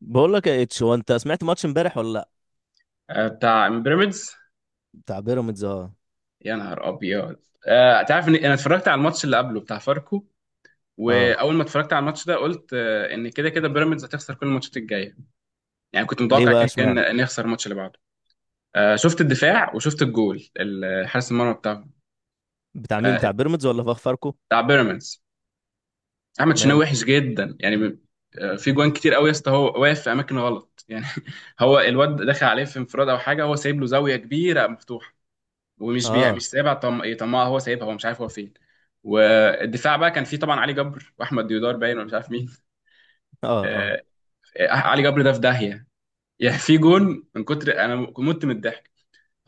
بقول لك يا اتش هو انت سمعت ماتش امبارح ولا لا؟ آه، بتاع بيراميدز. بتاع بيراميدز، اه. يا نهار ابيض. آه، تعرف ان انا اتفرجت على الماتش اللي قبله بتاع فاركو. اه، واول ما اتفرجت على الماتش ده قلت آه، ان كده كده بيراميدز هتخسر كل الماتشات الجايه. يعني كنت ليه متوقع بقى كان اشمعنى؟ كان نخسر الماتش اللي بعده. آه، شفت الدفاع وشفت الجول حارس المرمى بتاعه. بتاع مين؟ آه، بتاع بيراميدز ولا فاركو؟ بتاع بيراميدز. احمد شناوي ماله؟ وحش جدا يعني. آه، في جوان كتير قوي يا اسطى، هو واقف في اماكن غلط يعني. هو الواد دخل عليه في انفراد او حاجه، هو سايب له زاويه كبيره مفتوحه. ومش بيع مش اه. سايبها طماع، هو سايبها، هو مش عارف هو فين. والدفاع بقى كان فيه طبعا علي جبر واحمد ديودار، باين ولا مش عارف مين. اه. اه. آه... آه، علي جبر ده في داهيه. يعني في جون من كتر انا مت من الضحك.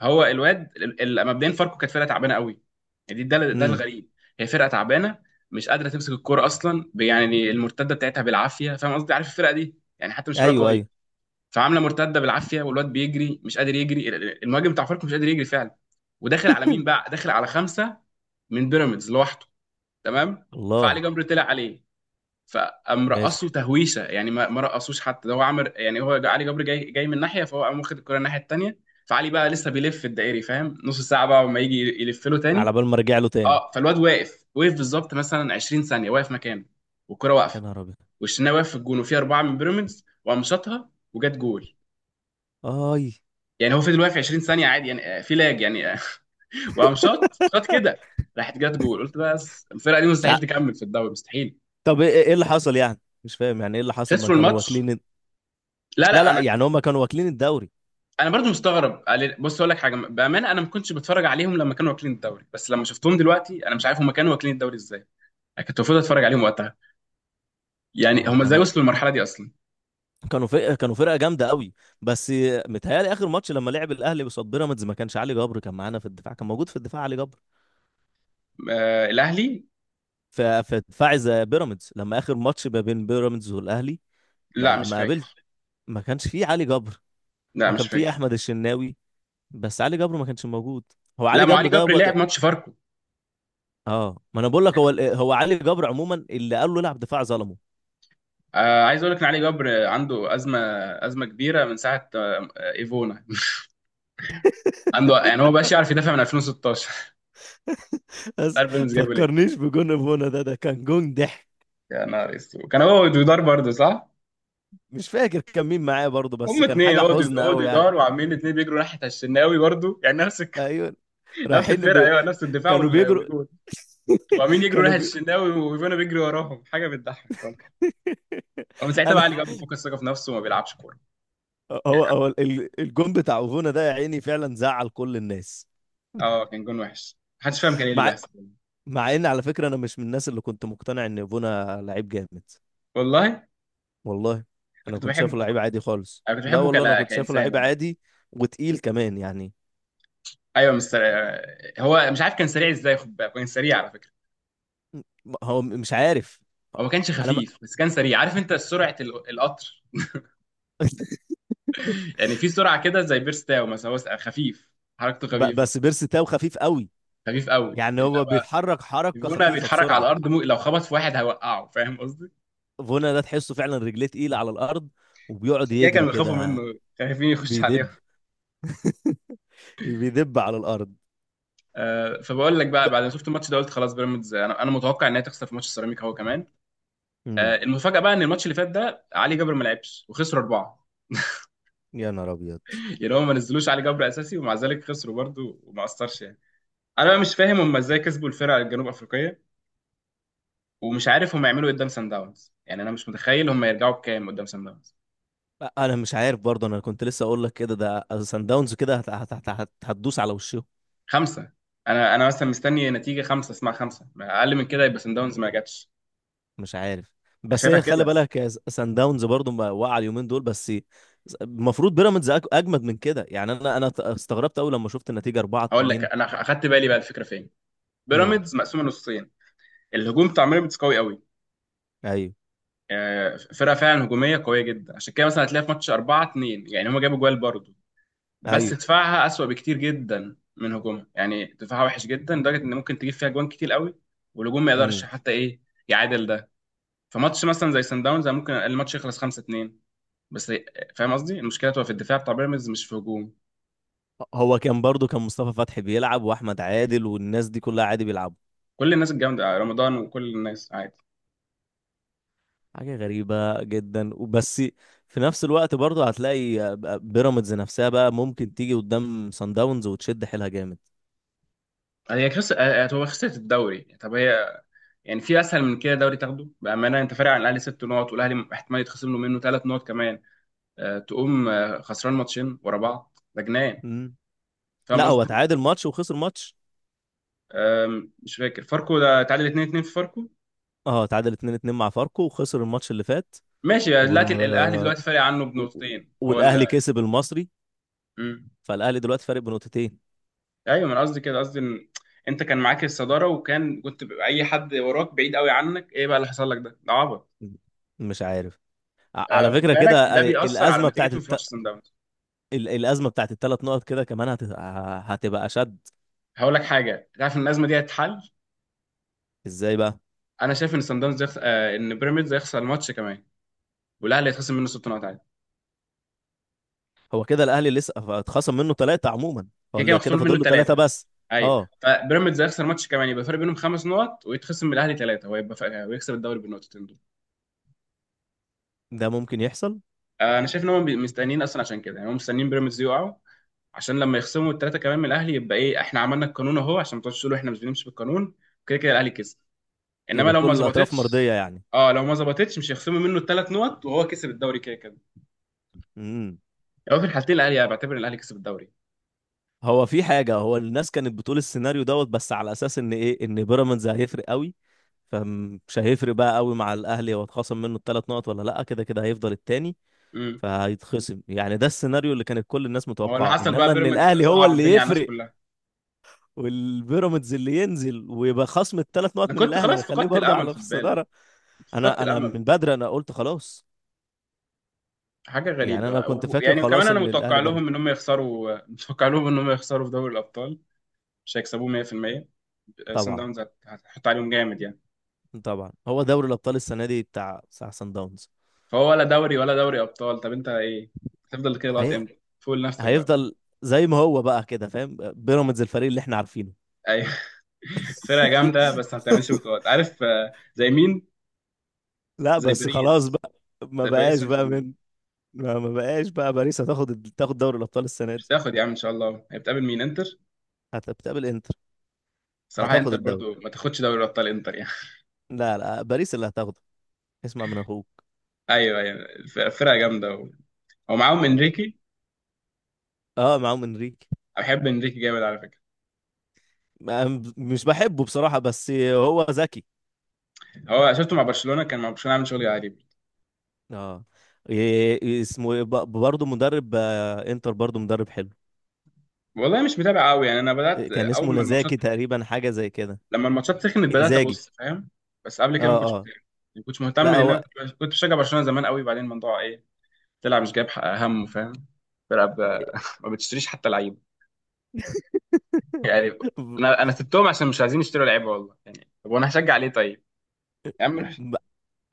هو الواد مبدئيا فاركو كانت فرقه تعبانه قوي. يعني دي ده ده امم. الغريب. هي فرقه تعبانه، مش قادره تمسك الكوره اصلا، يعني المرتده بتاعتها بالعافيه، فاهم قصدي، عارف الفرقه دي يعني حتى مش فرقه ايوه، قويه. ايوه. فعامله مرتده بالعافيه، والواد بيجري مش قادر يجري، المهاجم بتاع فاركو مش قادر يجري فعلا. وداخل على مين بقى؟ داخل على خمسه من بيراميدز لوحده. تمام، فعلي الله. جبر طلع عليه، فقام ماشي. رقصه تهويشه يعني، ما رقصوش حتى. ده هو عمل يعني، هو علي جبر جاي جاي من ناحيه، فهو قام واخد الكره الناحيه التانيه. فعلي بقى لسه بيلف الدائري، فاهم، نص ساعه بقى وما يجي يلف له على تاني. بال ما ارجع له تاني. اه فالواد واقف، وقف بالظبط مثلا 20 ثانيه واقف مكانه، والكره يا واقفه، نهار ابيض. والشناوي واقف في الجون وفي اربعه من بيراميدز، وقام شاطها وجت جول. اي. يعني هو فضل واقف 20 ثانيه عادي يعني، آه، في لاج يعني وقام شاط شاط كده. راحت جت جول، قلت بس الفرقه دي مستحيل تع- تكمل في الدوري، مستحيل. طب، ايه اللي حصل؟ يعني مش فاهم، يعني ايه اللي حصل؟ ما خسروا كانوا الماتش. واكلين لا لا لا، لا، انا يعني هم كانوا واكلين الدوري. انا برضو مستغرب، بص اقول لك حاجه بامانه، انا ما كنتش بتفرج عليهم لما كانوا واكلين الدوري، بس لما شفتهم دلوقتي انا مش عارف هم كانوا واكلين الدوري ازاي. انا كنت المفروض اتفرج عليهم وقتها، يعني ما هم ازاي كانوا وصلوا للمرحله دي اصلا؟ كانوا فرقه كانوا فرقه جامده قوي، بس. متهيألي اخر ماتش لما لعب الاهلي قصاد بيراميدز ما كانش علي جبر، كان معانا في الدفاع، كان موجود في الدفاع علي جبر. آه الاهلي. فدفاعي زي بيراميدز، لما اخر ماتش ما بين بيراميدز والاهلي لا ما مش ما قابلت، فاكر. ما كانش فيه علي جبر. لا هو مش كان فيه فاكر. احمد الشناوي، بس علي جبر ما كانش موجود. هو لا، علي ما جبر علي ده جبر لعب ماتش فاركو. اه، ما انا بقول لك، هو علي جبر عموما اللي قال له العب دفاع ظلمه. آه عايز اقول لك ان علي جبر عنده ازمه، ازمه كبيره من ساعه آه ايفونا. عنده يعني، هو بقاش يعرف يدافع من 2016. بس، عارف بيراميدز جايبه ليه؟ فكرنيش بجون ابونا. ده كان جون ضحك، يا نهار اسود، كان هو ودودار برضه صح. مش فاكر كان مين معاه برضه، بس هم كان اتنين حاجه عقدوا حزن قوي عقدوا يعني. دار وعاملين اتنين بيجروا ناحية الشناوي برضو، يعني نفس ايوه. نفس رايحين الفرقة، ب... ايوه نفس الدفاع كانوا بيجروا. والجول. وعاملين يجروا كانوا ناحية بي... الشناوي وفينا بيجري وراهم، حاجة بتضحك خالص. ومن ساعتها انا بقى علي جاب فقد الثقة في نفسه وما بيلعبش كورة. هو هو ال- الجون بتاع اوفونا ده، يا عيني فعلا زعل كل الناس. اه كان جون وحش، محدش فاهم كان ايه اللي مع بيحصل. مع ان على فكره، انا مش من الناس اللي كنت مقتنع ان بونا لعيب جامد. والله انا والله انا كنت كنت شايفه بحبه، لعيب عادي خالص. انا كنت لا بحبه والله، انا كنت شايفه كإنسان لعيب وانا. عادي. وتقيل كمان يعني. ايوه مش سريع. هو مش عارف كان سريع ازاي، خد بالك كان سريع على فكرة. هو مش عارف. هو ما كانش انا ما... خفيف بس كان سريع، عارف انت سرعة القطر. يعني في سرعة كده زي بيرستاو مثلا، هو خفيف، حركته بس خفيفة. بيرس تاو خفيف قوي. خفيف قوي يعني هو انما بيتحرك حركه فيفونا خفيفه بيتحرك على بسرعه. الارض، لو خبط في واحد هيوقعه، فاهم قصدي. فونا ده تحسه فعلا رجليه تقيله على الارض، وبيقعد عشان كده يجري كانوا بيخافوا كده. منه، خايفين يخش عليهم. بيدب. بيدب على الارض. آه فبقول لك ب... بقى بعد ما شفت الماتش ده قلت خلاص بيراميدز، انا متوقع ان هي تخسر في ماتش السيراميكا هو كمان. آه مم. المفاجاه بقى ان الماتش اللي فات ده علي جبر ما لعبش وخسروا اربعه. يا نهار ابيض. يعني هم ما نزلوش علي جبر اساسي ومع ذلك خسروا برضه وما اثرش يعني. انا بقى مش فاهم هم ازاي كسبوا الفرقه الجنوب افريقيه، ومش عارف هم يعملوا ايه قدام سان داونز. يعني انا مش متخيل هم يرجعوا بكام قدام سان داونز. انا مش عارف برضه، انا كنت لسه اقول لك كده، ده سان داونز كده هتدوس على وشهم. خمسة. انا مثلا مستني نتيجة خمسة، اسمع خمسة ما اقل من كده، يبقى سان داونز ما جاتش. مش عارف، أنا بس شايفها هي خلي كده. بالك، يا سان داونز برضه ما وقع اليومين دول بس. المفروض بيراميدز اجمد من كده. يعني انا استغربت قوي لما شفت النتيجه 4 هقول لك 2 انا اخدت بالي بقى الفكرة فين. امم. بيراميدز مقسومة نصين، الهجوم بتاع بيراميدز قوي قوي. ايوه، آه، فرقة فعلا هجومية قوية جدا، عشان كده مثلا هتلاقي في ماتش 4-2، يعني هما جابوا جوال برضه. بس ايوه. دفاعها أسوأ بكتير جدا من هجومها، يعني دفاعها وحش جدا لدرجة ان ممكن تجيب فيها جوان كتير قوي، والهجوم ما يقدرش امم. حتى ايه يعادل ده. فماتش مثلا زي سان داونز أنا ممكن الماتش يخلص 5. بس فاهم قصدي، المشكله تبقى في الدفاع بتاع بيراميدز مش في هجوم. هو كان برضه، كان مصطفى فتحي بيلعب، واحمد عادل، والناس دي كلها عادي بيلعبوا. كل الناس الجامده، آه، رمضان وكل الناس عادي. حاجة غريبة جدا وبس. في نفس الوقت برضه هتلاقي بيراميدز نفسها بقى ممكن تيجي قدام سان داونز وتشد حيلها جامد. هي خس... هو خسرت الدوري، طب هي يعني في اسهل من كده دوري تاخده؟ بامانه انت فارق عن الاهلي 6 نقط، والاهلي احتمال يتخصم له منه 3 نقط كمان. أه تقوم آه، خسران ماتشين ورا بعض، ده جنان، مم. فاهم لا، هو قصدي. تعادل ماتش وخسر ماتش. آم، مش فاكر، فاركو ده تعادل 2-2 في فاركو. اه، تعادل 2-2 مع فاركو، وخسر الماتش اللي فات. ماشي و... دلوقتي الاهلي دلوقتي فارق عنه و... بنقطتين هو والاهلي كسب المصري. ال- فالاهلي دلوقتي فارق بنقطتين. ايوه، ما انا قصدي كده، قصدي ان انت كان معاك الصداره وكان كنت بيبقى اي حد وراك بعيد قوي عنك، ايه بقى اللي حصل لك ده؟ ده عبط. مش عارف. آه على وخد فكرة بالك كده، ده بيأثر على الأزمة بتاعت نتيجتهم في ماتش سان داونز. الأزمة بتاعت الثلاث نقط كده كمان هتبقى أشد. هقول لك حاجه، تعرف ان الازمه دي هتتحل. ازاي بقى؟ انا شايف ان سان داونز يخس... آه ان بيراميدز هيخسر الماتش كمان، والاهلي هيتخصم منه 6 نقط عادي. هو كده الاهلي لسه اتخصم منه ثلاثه عموما. هو كده كده اللي مخصوم كده منه فاضل له ثلاثه ثلاثه. بس. ايوه، اه، فبيراميدز هيخسر ماتش كمان، يبقى الفرق بينهم 5 نقط، ويتخصم من الاهلي ثلاثه، ويكسب الدوري بالنقطتين دول. ده ممكن يحصل. آه انا شايف ان مستنيين اصلا، عشان كده يعني هم مستنيين بيراميدز يقعوا، عشان لما يخصموا الثلاثه كمان من الاهلي يبقى ايه؟ احنا عملنا القانون اهو، عشان ما تقعدوش تقولوا احنا مش بنمشي بالقانون، كده كده الاهلي كسب. انما يبقى لو ما كل الاطراف ظبطتش، مرضيه يعني. اه لو ما ظبطتش مش هيخصموا منه ال3 نقط وهو كسب الدوري كده كده. امم. يعني هو في الحالتين الاهلي، انا بعتبر ان الاهلي كسب الدوري. هو في حاجه، هو الناس كانت بتقول السيناريو دوت، بس على اساس ان ايه؟ ان بيراميدز هيفرق قوي. فمش هيفرق بقى قوي مع الاهلي، هو اتخصم منه الثلاث نقط ولا لا، كده كده هيفضل التاني امم. فهيتخصم. يعني ده السيناريو اللي كانت كل الناس هو اللي متوقعاه، حصل انما بقى ان بيراميدز الاهلي هو صعب اللي الدنيا على الناس يفرق، كلها. والبيراميدز اللي ينزل، ويبقى خصم الثلاث نقط انا من كنت الاهلي خلاص هيخليه فقدت برضه الامل، على في خد بالك، الصداره. كنت فقدت انا من الامل. بدري انا قلت خلاص. حاجه يعني انا غريبه كنت فاكر يعني، وكمان خلاص انا ان متوقع الاهلي بره. لهم ان هم يخسروا. متوقع لهم ان هم يخسروا في دوري الابطال، مش هيكسبوه 100%. سان طبعا. داونز هتحط عليهم جامد يعني. طبعا، هو دوري الابطال السنه دي بتاع سان داونز. فهو ولا دوري ولا دوري ابطال، طب انت ايه؟ هتفضل كده لغايه هي... امتى فوق لنفسك بقى، فاهم؟ هيفضل زي ما هو بقى كده، فاهم؟ بيراميدز الفريق اللي احنا عارفينه. ايوه. فرقه جامده بس ما بتعملش بطولات، عارف آه، زي مين؟ لا زي بس خلاص باريس، بقى. ما زي باريس بقاش سان بقى جيرمان. من، ما بقاش بقى باريس هتاخد تاخد دوري الابطال السنه مش دي. تاخد يا عم، ان شاء الله هي بتقابل مين، انتر؟ بتقابل انتر. صراحه هتاخد انتر الدوري. برضو ما تاخدش دوري ابطال، انتر يعني. لا لا، باريس اللي هتاخده، اسمع من اخوك. ايوه ايوه فرقه جامده ومعاهم آه. انريكي. اه، معاهم انريكي. أنا بحب انريكي جامد على فكره. مش بحبه بصراحة، بس هو ذكي. هو شفته مع برشلونه، كان مع برشلونه عامل شغل عجيب. اه، اسمه إيه؟ برضه مدرب، انتر برضه مدرب حلو. والله مش متابع قوي يعني، انا بدات آه، كان اول اسمه ما الماتشات نزاكي تقريبا، حاجة زي كده. لما الماتشات سخنت بدات انزاجي. ابص، فاهم. بس قبل كده ما اه، كنتش اه. مهتم، ما كنتش مهتم لا، لان هو. انا كنت بشجع برشلونه زمان قوي، بعدين الموضوع ايه، طلع مش جايب حق همه، فاهم. فرقه ب... ما بتشتريش حتى لعيبه يعني، انا سبتهم عشان مش عايزين يشتروا لعيبه والله يعني، طب وانا هشجع ليه طيب؟ يا عم م-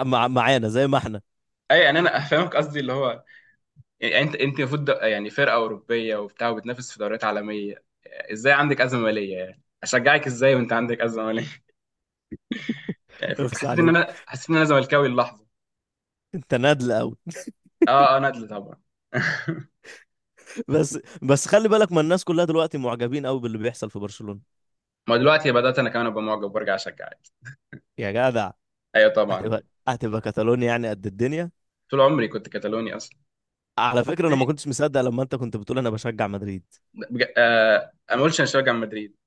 مع معانا زي ما احنا. اي يعني انا فاهمك، قصدي اللي هو، يعني انت المفروض يعني فرقه اوروبيه وبتاع وبتنافس في دوريات عالميه، ازاي عندك ازمه ماليه يعني، اشجعك ازاي وانت عندك ازمه ماليه؟ يعني فاهم؟ اخس حسيت ان عليك، انا حسيت ان انا زملكاوي اللحظه. انت نادل قوي. اه اه ندل طبعا. بس بس خلي بالك، ما الناس كلها دلوقتي معجبين قوي باللي بيحصل في برشلونة. ما دلوقتي بدأت أنا كمان أبقى معجب وأرجع أشجع عادي. يا جدع. أيوه طبعا. هتبقى هتبقى كاتالونيا، يعني قد الدنيا. طول عمري كنت كتالوني أصلا. على فكرة، انا ما كنتش مصدق لما انت كنت بتقول انا بشجع مدريد. أنا ما قلتش أنا شجع مدريد.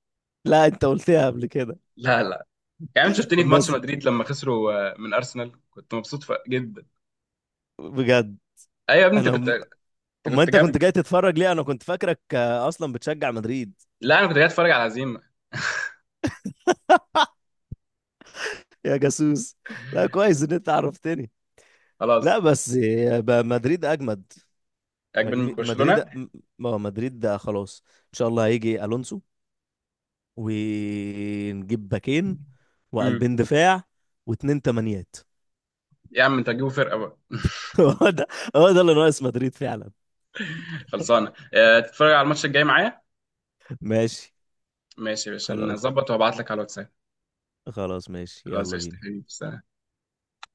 لا، انت قلتها قبل كده. لا لا. يعني أنت شفتني في ماتش بس مدريد لما خسروا آه، من أرسنال كنت مبسوط جدا. بجد. أيوه يا ابني أنت انا كنت م- أنت، ما كنت انت كنت جنبي. جاي تتفرج ليه؟ انا كنت فاكرك اصلا بتشجع مدريد. لا أنا كنت جاي أتفرج على هزيمة. يا جاسوس. لا، كويس ان انت عرفتني. خلاص. لا بس، مدريد اجمد. عجبني من مدريد، برشلونة. مدريد ده خلاص ان شاء الله هيجي الونسو، ونجيب باكين، امم. وقلبين دفاع، واتنين تمانيات. يا عم أنت هتجيبوا فرقة بقى؟ هو ده هو ده اللي ناقص مدريد فعلا. خلصانة تتفرج على الماتش الجاي معايا؟ ماشي. ماشي يا باشا، خلاص نظبط وهبعت لك على الواتساب. خلاص ماشي، خلاص يلا قشطة بينا. حبيبي سلام.